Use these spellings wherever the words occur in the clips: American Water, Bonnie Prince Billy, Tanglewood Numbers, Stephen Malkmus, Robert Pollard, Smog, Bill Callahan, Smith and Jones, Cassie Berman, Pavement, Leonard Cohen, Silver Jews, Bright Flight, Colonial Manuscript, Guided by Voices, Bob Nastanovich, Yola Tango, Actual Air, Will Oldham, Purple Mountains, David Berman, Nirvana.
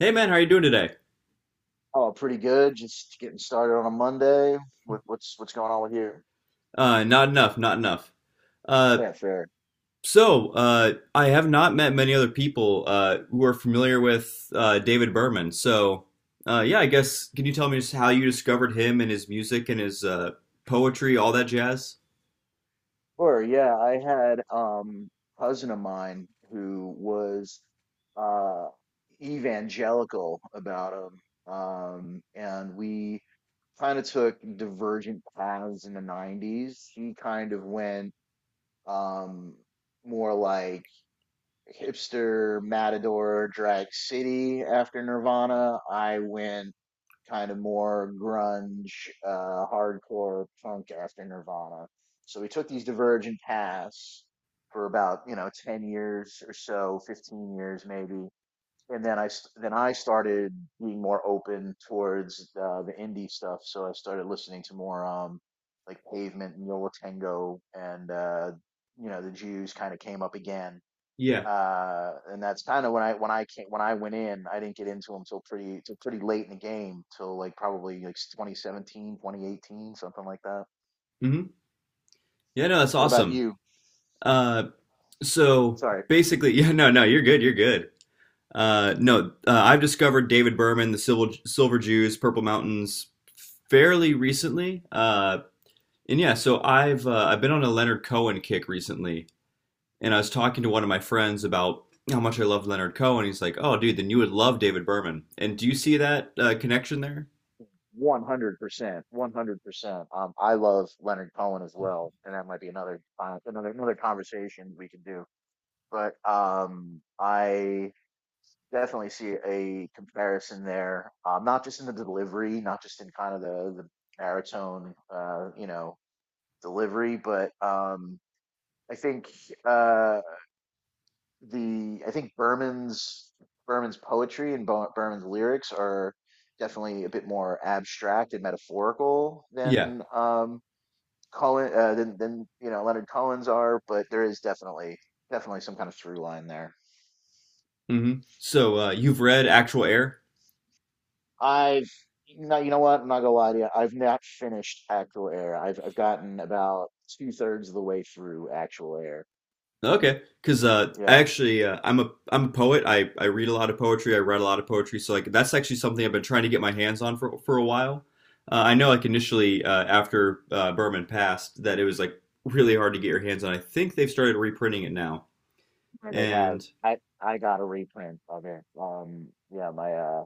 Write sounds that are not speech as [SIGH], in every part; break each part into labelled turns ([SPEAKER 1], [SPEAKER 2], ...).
[SPEAKER 1] Hey man, how are you doing today?
[SPEAKER 2] Oh, pretty good. Just getting started on a Monday. With what's going on with you?
[SPEAKER 1] Not enough, not enough. Uh,
[SPEAKER 2] Yeah, fair.
[SPEAKER 1] I have not met many other people who are familiar with David Berman. Yeah, I guess, can you tell me just how you discovered him and his music and his poetry, all that jazz?
[SPEAKER 2] Sure. Yeah, I had cousin of mine who was uh evangelical about him, and we kind of took divergent paths in the 90s. He kind of went um more like hipster matador drag city after Nirvana. I went kind of more grunge, hardcore punk after Nirvana. So we took these divergent paths for about, you know, 10 years or so, 15 years maybe. And then then I started being more open towards the indie stuff. So I started listening to more like Pavement and Yola Tango and you know the Jews kind of came up again,
[SPEAKER 1] Yeah.
[SPEAKER 2] and that's kind of when I went in, I didn't get into him till pretty late in the game, till like probably like 2017, 2018, something like that.
[SPEAKER 1] hmm Yeah, no, that's
[SPEAKER 2] What about
[SPEAKER 1] awesome.
[SPEAKER 2] you?
[SPEAKER 1] Uh, so
[SPEAKER 2] Sorry.
[SPEAKER 1] basically, [LAUGHS] yeah, no, no, you're good, you're good. No, I've discovered David Berman, the Silver Jews, Purple Mountains, fairly recently. And yeah, so I've been on a Leonard Cohen kick recently, and I was talking to one of my friends about how much I love Leonard Cohen. He's like, "Oh, dude, then you would love David Berman." And do you see that connection there?
[SPEAKER 2] 100%, 100%. I love Leonard Cohen as well, and that might be another another conversation we could do. But I definitely see a comparison there, not just in the delivery, not just in kind of the baritone, you know, delivery, but I think uh, the I think Berman's Berman's poetry and Berman's lyrics are definitely a bit more abstract and metaphorical
[SPEAKER 1] Yeah.
[SPEAKER 2] than Cohen, than you know Leonard Cohen's are, but there is definitely some kind of through line there.
[SPEAKER 1] So you've read Actual Air?
[SPEAKER 2] I've no, you know what? I'm not gonna lie to you. I've not finished Actual Air. I've gotten about two-thirds of the way through Actual Air.
[SPEAKER 1] Okay, because
[SPEAKER 2] Yeah.
[SPEAKER 1] I'm a poet. I read a lot of poetry. I write a lot of poetry. So like that's actually something I've been trying to get my hands on for a while. I know, like, initially after Berman passed, that it was like really hard to get your hands on. I think they've started reprinting it now.
[SPEAKER 2] Sure they have.
[SPEAKER 1] And
[SPEAKER 2] I got a reprint of it. Yeah, my uh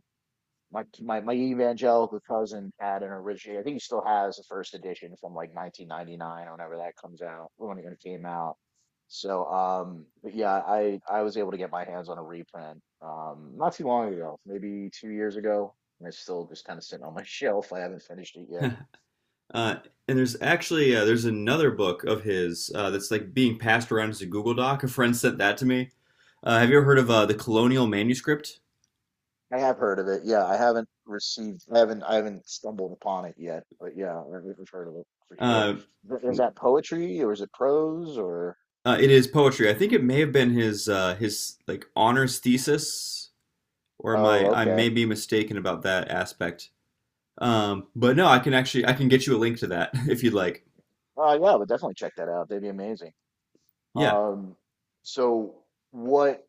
[SPEAKER 2] my my my evangelical cousin had an original. I think he still has the first edition from like 1999, or whenever that comes out, when it came out. So but yeah, I was able to get my hands on a reprint not too long ago, maybe 2 years ago, and it's still just kind of sitting on my [LAUGHS] shelf. I haven't finished it yet.
[SPEAKER 1] uh, and there's actually there's another book of his that's like being passed around as a Google Doc. A friend sent that to me. Have you ever heard of the Colonial Manuscript?
[SPEAKER 2] I have heard of it. Yeah, I haven't received, I haven't stumbled upon it yet, but yeah, I've heard of it for sure.
[SPEAKER 1] Uh,
[SPEAKER 2] Is that poetry or is it prose or?
[SPEAKER 1] It is poetry. I think it may have been his like honors thesis, or
[SPEAKER 2] Oh,
[SPEAKER 1] my I
[SPEAKER 2] okay.
[SPEAKER 1] may be mistaken about that aspect. But no, I can get you a link to that [LAUGHS] if you'd like.
[SPEAKER 2] Oh, yeah, but definitely check that out. They'd be amazing.
[SPEAKER 1] Yeah.
[SPEAKER 2] Um, so what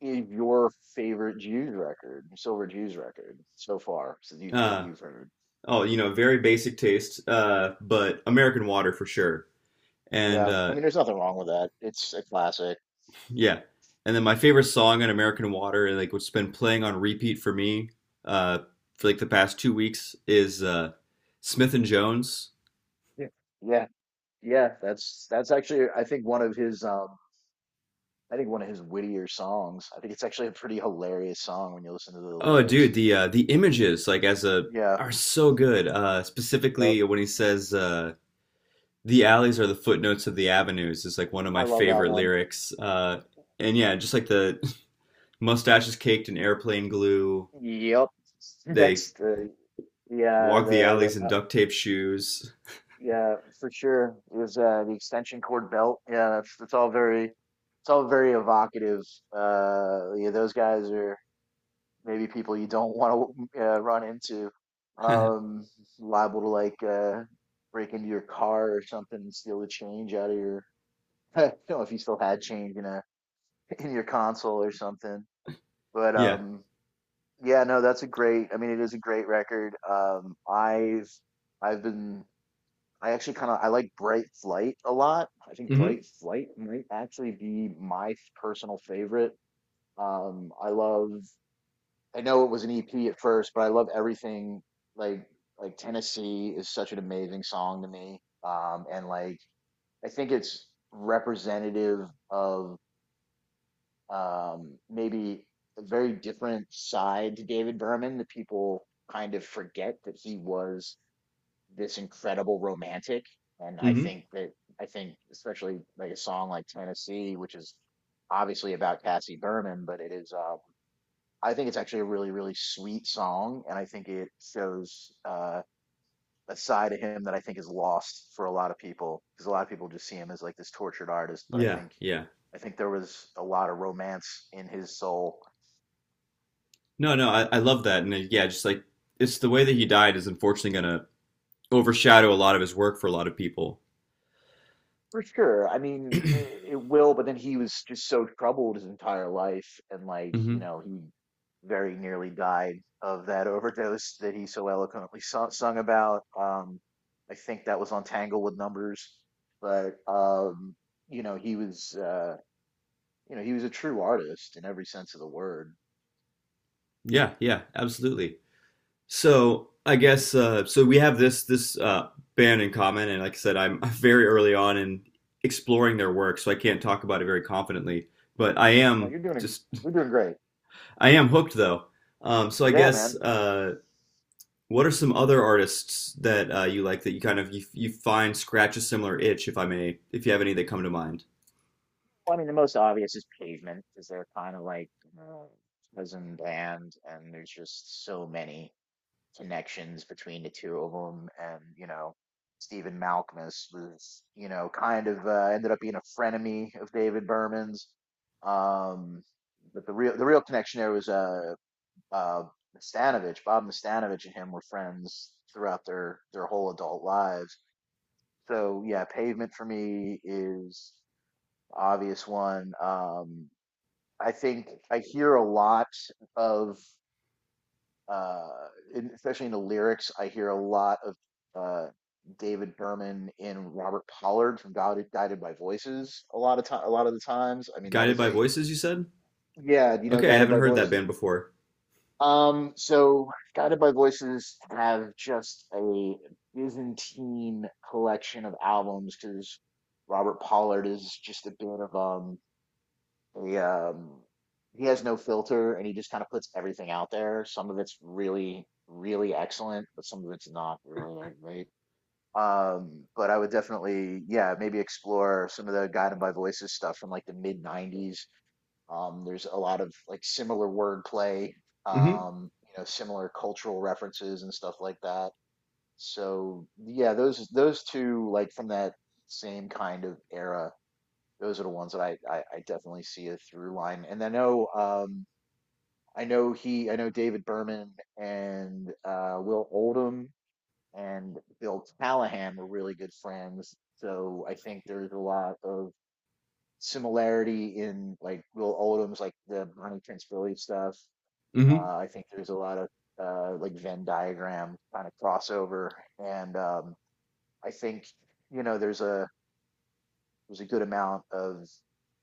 [SPEAKER 2] is your favorite Silver Jews record so far since you've that
[SPEAKER 1] Uh,
[SPEAKER 2] you've heard?
[SPEAKER 1] oh, you know, very basic taste, but American Water for sure. And
[SPEAKER 2] Yeah, I mean, there's nothing wrong with that. It's a classic.
[SPEAKER 1] yeah, and then my favorite song on American Water, like what's been playing on repeat for me, uh, for like the past 2 weeks, is Smith and Jones.
[SPEAKER 2] Yeah. Yeah, yeah, that's actually I think one of his I think one of his wittier songs. I think it's actually a pretty hilarious song when you listen to the
[SPEAKER 1] Oh,
[SPEAKER 2] lyrics.
[SPEAKER 1] dude, the images like as a
[SPEAKER 2] Yeah.
[SPEAKER 1] are so good.
[SPEAKER 2] Yep.
[SPEAKER 1] Specifically when he says, the alleys are the footnotes of the avenues, is like one of
[SPEAKER 2] I
[SPEAKER 1] my
[SPEAKER 2] love that
[SPEAKER 1] favorite
[SPEAKER 2] one.
[SPEAKER 1] lyrics. And yeah, just like the [LAUGHS] mustaches caked in airplane glue.
[SPEAKER 2] Yep. [LAUGHS]
[SPEAKER 1] They
[SPEAKER 2] That's the yeah
[SPEAKER 1] walk the alleys in
[SPEAKER 2] the
[SPEAKER 1] duct tape shoes.
[SPEAKER 2] Yeah for sure. It was the extension cord belt. Yeah, that's all very it's all very evocative. Yeah, those guys are maybe people you don't want to run into.
[SPEAKER 1] [LAUGHS]
[SPEAKER 2] Um, liable to like break into your car or something and steal the change out of your [LAUGHS] I don't know if you still had change in a [LAUGHS] in your console or something. But
[SPEAKER 1] Yeah.
[SPEAKER 2] yeah, no, that's a great I mean it is a great record. I've been I actually kind of I like Bright Flight a lot. I think
[SPEAKER 1] Mm-hmm.
[SPEAKER 2] Bright Flight might actually be my personal favorite. I love I know it was an EP at first, but I love everything like like Tennessee is such an amazing song to me. And like I think it's representative of maybe a very different side to David Berman that people kind of forget that he was this incredible romantic. And
[SPEAKER 1] Mm-hmm.
[SPEAKER 2] I think especially like a song like Tennessee, which is obviously about Cassie Berman, but it is I think it's actually a really sweet song, and I think it shows a side of him that I think is lost for a lot of people because a lot of people just see him as like this tortured artist, but
[SPEAKER 1] Yeah. Yeah.
[SPEAKER 2] I think there was a lot of romance in his soul.
[SPEAKER 1] No, no, I love that. And yeah, just like it's the way that he died is unfortunately gonna overshadow a lot of his work for a lot of people.
[SPEAKER 2] For sure. I mean, it will, but then he was just so troubled his entire life, and like, you
[SPEAKER 1] hmm
[SPEAKER 2] know, he very nearly died of that [LAUGHS] overdose that he so eloquently sung about. I think that was on Tanglewood Numbers, but you know, you know, he was a true artist in every sense of the word.
[SPEAKER 1] Yeah, yeah, absolutely. So I guess, We have this band in common, and like I said, I'm [LAUGHS] very early on in exploring their work, so I can't talk about it very confidently. But
[SPEAKER 2] Oh, you're doing, you're doing great.
[SPEAKER 1] I am hooked though. Um, so I
[SPEAKER 2] Yeah,
[SPEAKER 1] guess
[SPEAKER 2] man.
[SPEAKER 1] uh, what are some other artists that you like, that you kind of you find scratch a similar itch, if I may, if you have any that come to mind?
[SPEAKER 2] Well, I mean, the most obvious is Pavement, because they're kind of like uh, cousin band, and there's just so many connections between the two of them. And, you know, Stephen Malkmus was, you know, kind of ended up being a frenemy of David Berman's. Um, but the real connection there was uh, Nastanovich. Bob Nastanovich and him were friends throughout their whole adult lives. So yeah, Pavement for me is obvious one. I think I hear a lot of uh, in, especially in the lyrics, I hear a lot of uh, David Berman and Robert Pollard from Guided by Voices. A lot of the times. I mean, that
[SPEAKER 1] Guided
[SPEAKER 2] is
[SPEAKER 1] by
[SPEAKER 2] a
[SPEAKER 1] Voices, you said?
[SPEAKER 2] yeah. Do you know
[SPEAKER 1] Okay, I
[SPEAKER 2] Guided
[SPEAKER 1] haven't
[SPEAKER 2] by
[SPEAKER 1] heard that
[SPEAKER 2] Voices?
[SPEAKER 1] band before.
[SPEAKER 2] So Guided by Voices have just a Byzantine collection of albums because Robert Pollard is just a bit of he um he has no filter and he just kind of puts everything out there. Some of it's really, really excellent, but some of it's not really that great. But I would definitely, yeah, maybe explore some of the Guided by Voices stuff from like the mid '90s. There's a lot of like similar wordplay,
[SPEAKER 1] hmm
[SPEAKER 2] you know, similar cultural references and stuff like that. So yeah, those two like from that same kind of era those are the ones that I definitely see a through line. And I know he I know David Berman and Will Oldham and Bill Callahan were really good friends. So I think there's a lot of similarity in like Will Oldham's like the Bonnie Prince Billy stuff.
[SPEAKER 1] hmm
[SPEAKER 2] I think there's a lot of like Venn diagram kind of crossover, and I think you know there's a was a good amount of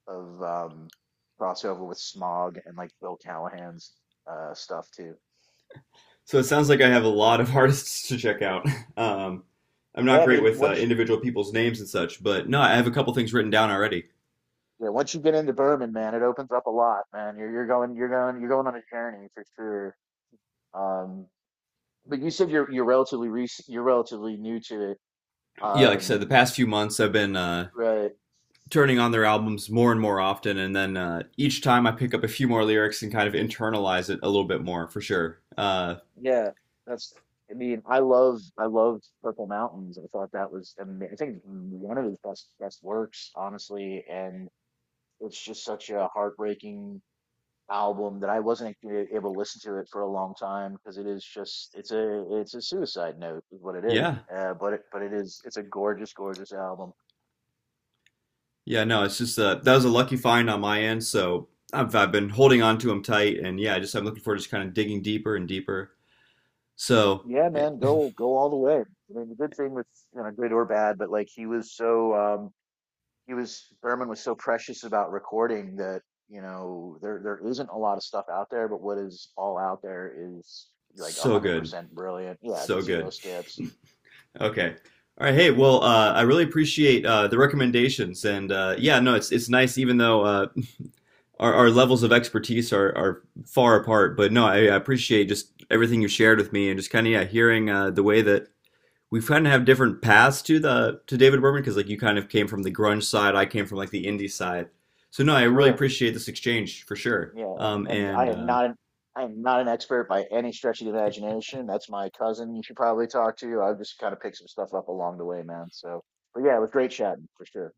[SPEAKER 2] of um, crossover with Smog and like Bill Callahan's stuff too.
[SPEAKER 1] So it sounds like I have a lot of [LAUGHS] artists to check out. [LAUGHS] Um, I'm
[SPEAKER 2] Yeah,
[SPEAKER 1] not
[SPEAKER 2] I
[SPEAKER 1] great
[SPEAKER 2] mean
[SPEAKER 1] with individual people's names and such, but no, I have a couple things written down already.
[SPEAKER 2] yeah, once you get into Berman, man, it opens up a lot, man. You're going you're going on a journey for sure. Um, but you said you're relatively recent, you're relatively new to it.
[SPEAKER 1] Yeah, like I said, the
[SPEAKER 2] Um,
[SPEAKER 1] past few months I've been
[SPEAKER 2] right?
[SPEAKER 1] turning on their albums more and more often, and then each time I pick up a few more lyrics and kind of internalize it a little bit more for sure.
[SPEAKER 2] Yeah, that's. I mean, I love I loved Purple Mountains. I thought that was ama- I think one of his best works, honestly. And it's just such a heartbreaking album that I wasn't actually able to listen to it for a long time because it is just it's a suicide note is what it is.
[SPEAKER 1] Yeah,
[SPEAKER 2] But it is it's a gorgeous album.
[SPEAKER 1] yeah, no, it's just that was a lucky find on my end, so I've been holding on to them tight, and yeah, I'm looking forward to just kind of digging deeper and deeper. So,
[SPEAKER 2] Yeah,
[SPEAKER 1] eh,
[SPEAKER 2] man, go all the way. I mean, the good thing with you know good or bad, but like he was so he was Berman was so precious about recording that you know there isn't a lot of stuff out there, but what is all out there is like a
[SPEAKER 1] so
[SPEAKER 2] hundred
[SPEAKER 1] good,
[SPEAKER 2] percent brilliant. Yeah,
[SPEAKER 1] so
[SPEAKER 2] zero
[SPEAKER 1] good.
[SPEAKER 2] skips.
[SPEAKER 1] Okay. All right, hey, well, I really appreciate the recommendations, and yeah, no, it's nice, even though our levels of expertise are far apart. But no, I appreciate just everything you shared with me, and just kind of yeah, hearing the way that we kind of have different paths to the to David Berman, because like you kind of came from the grunge side, I came from like the indie side. So no, I really
[SPEAKER 2] Sure.
[SPEAKER 1] appreciate this exchange for sure.
[SPEAKER 2] Yeah, and, and
[SPEAKER 1] And
[SPEAKER 2] I am not an expert by any stretch of the imagination. That's my cousin you should probably talk to. I've just kind of picked some stuff up along the way, man. So, but yeah, it was great chatting for sure.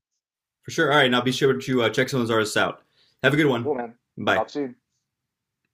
[SPEAKER 1] for sure, all right, now be sure to check some of those artists out. Have a good one.
[SPEAKER 2] Cool, man.
[SPEAKER 1] Bye.
[SPEAKER 2] Talk soon.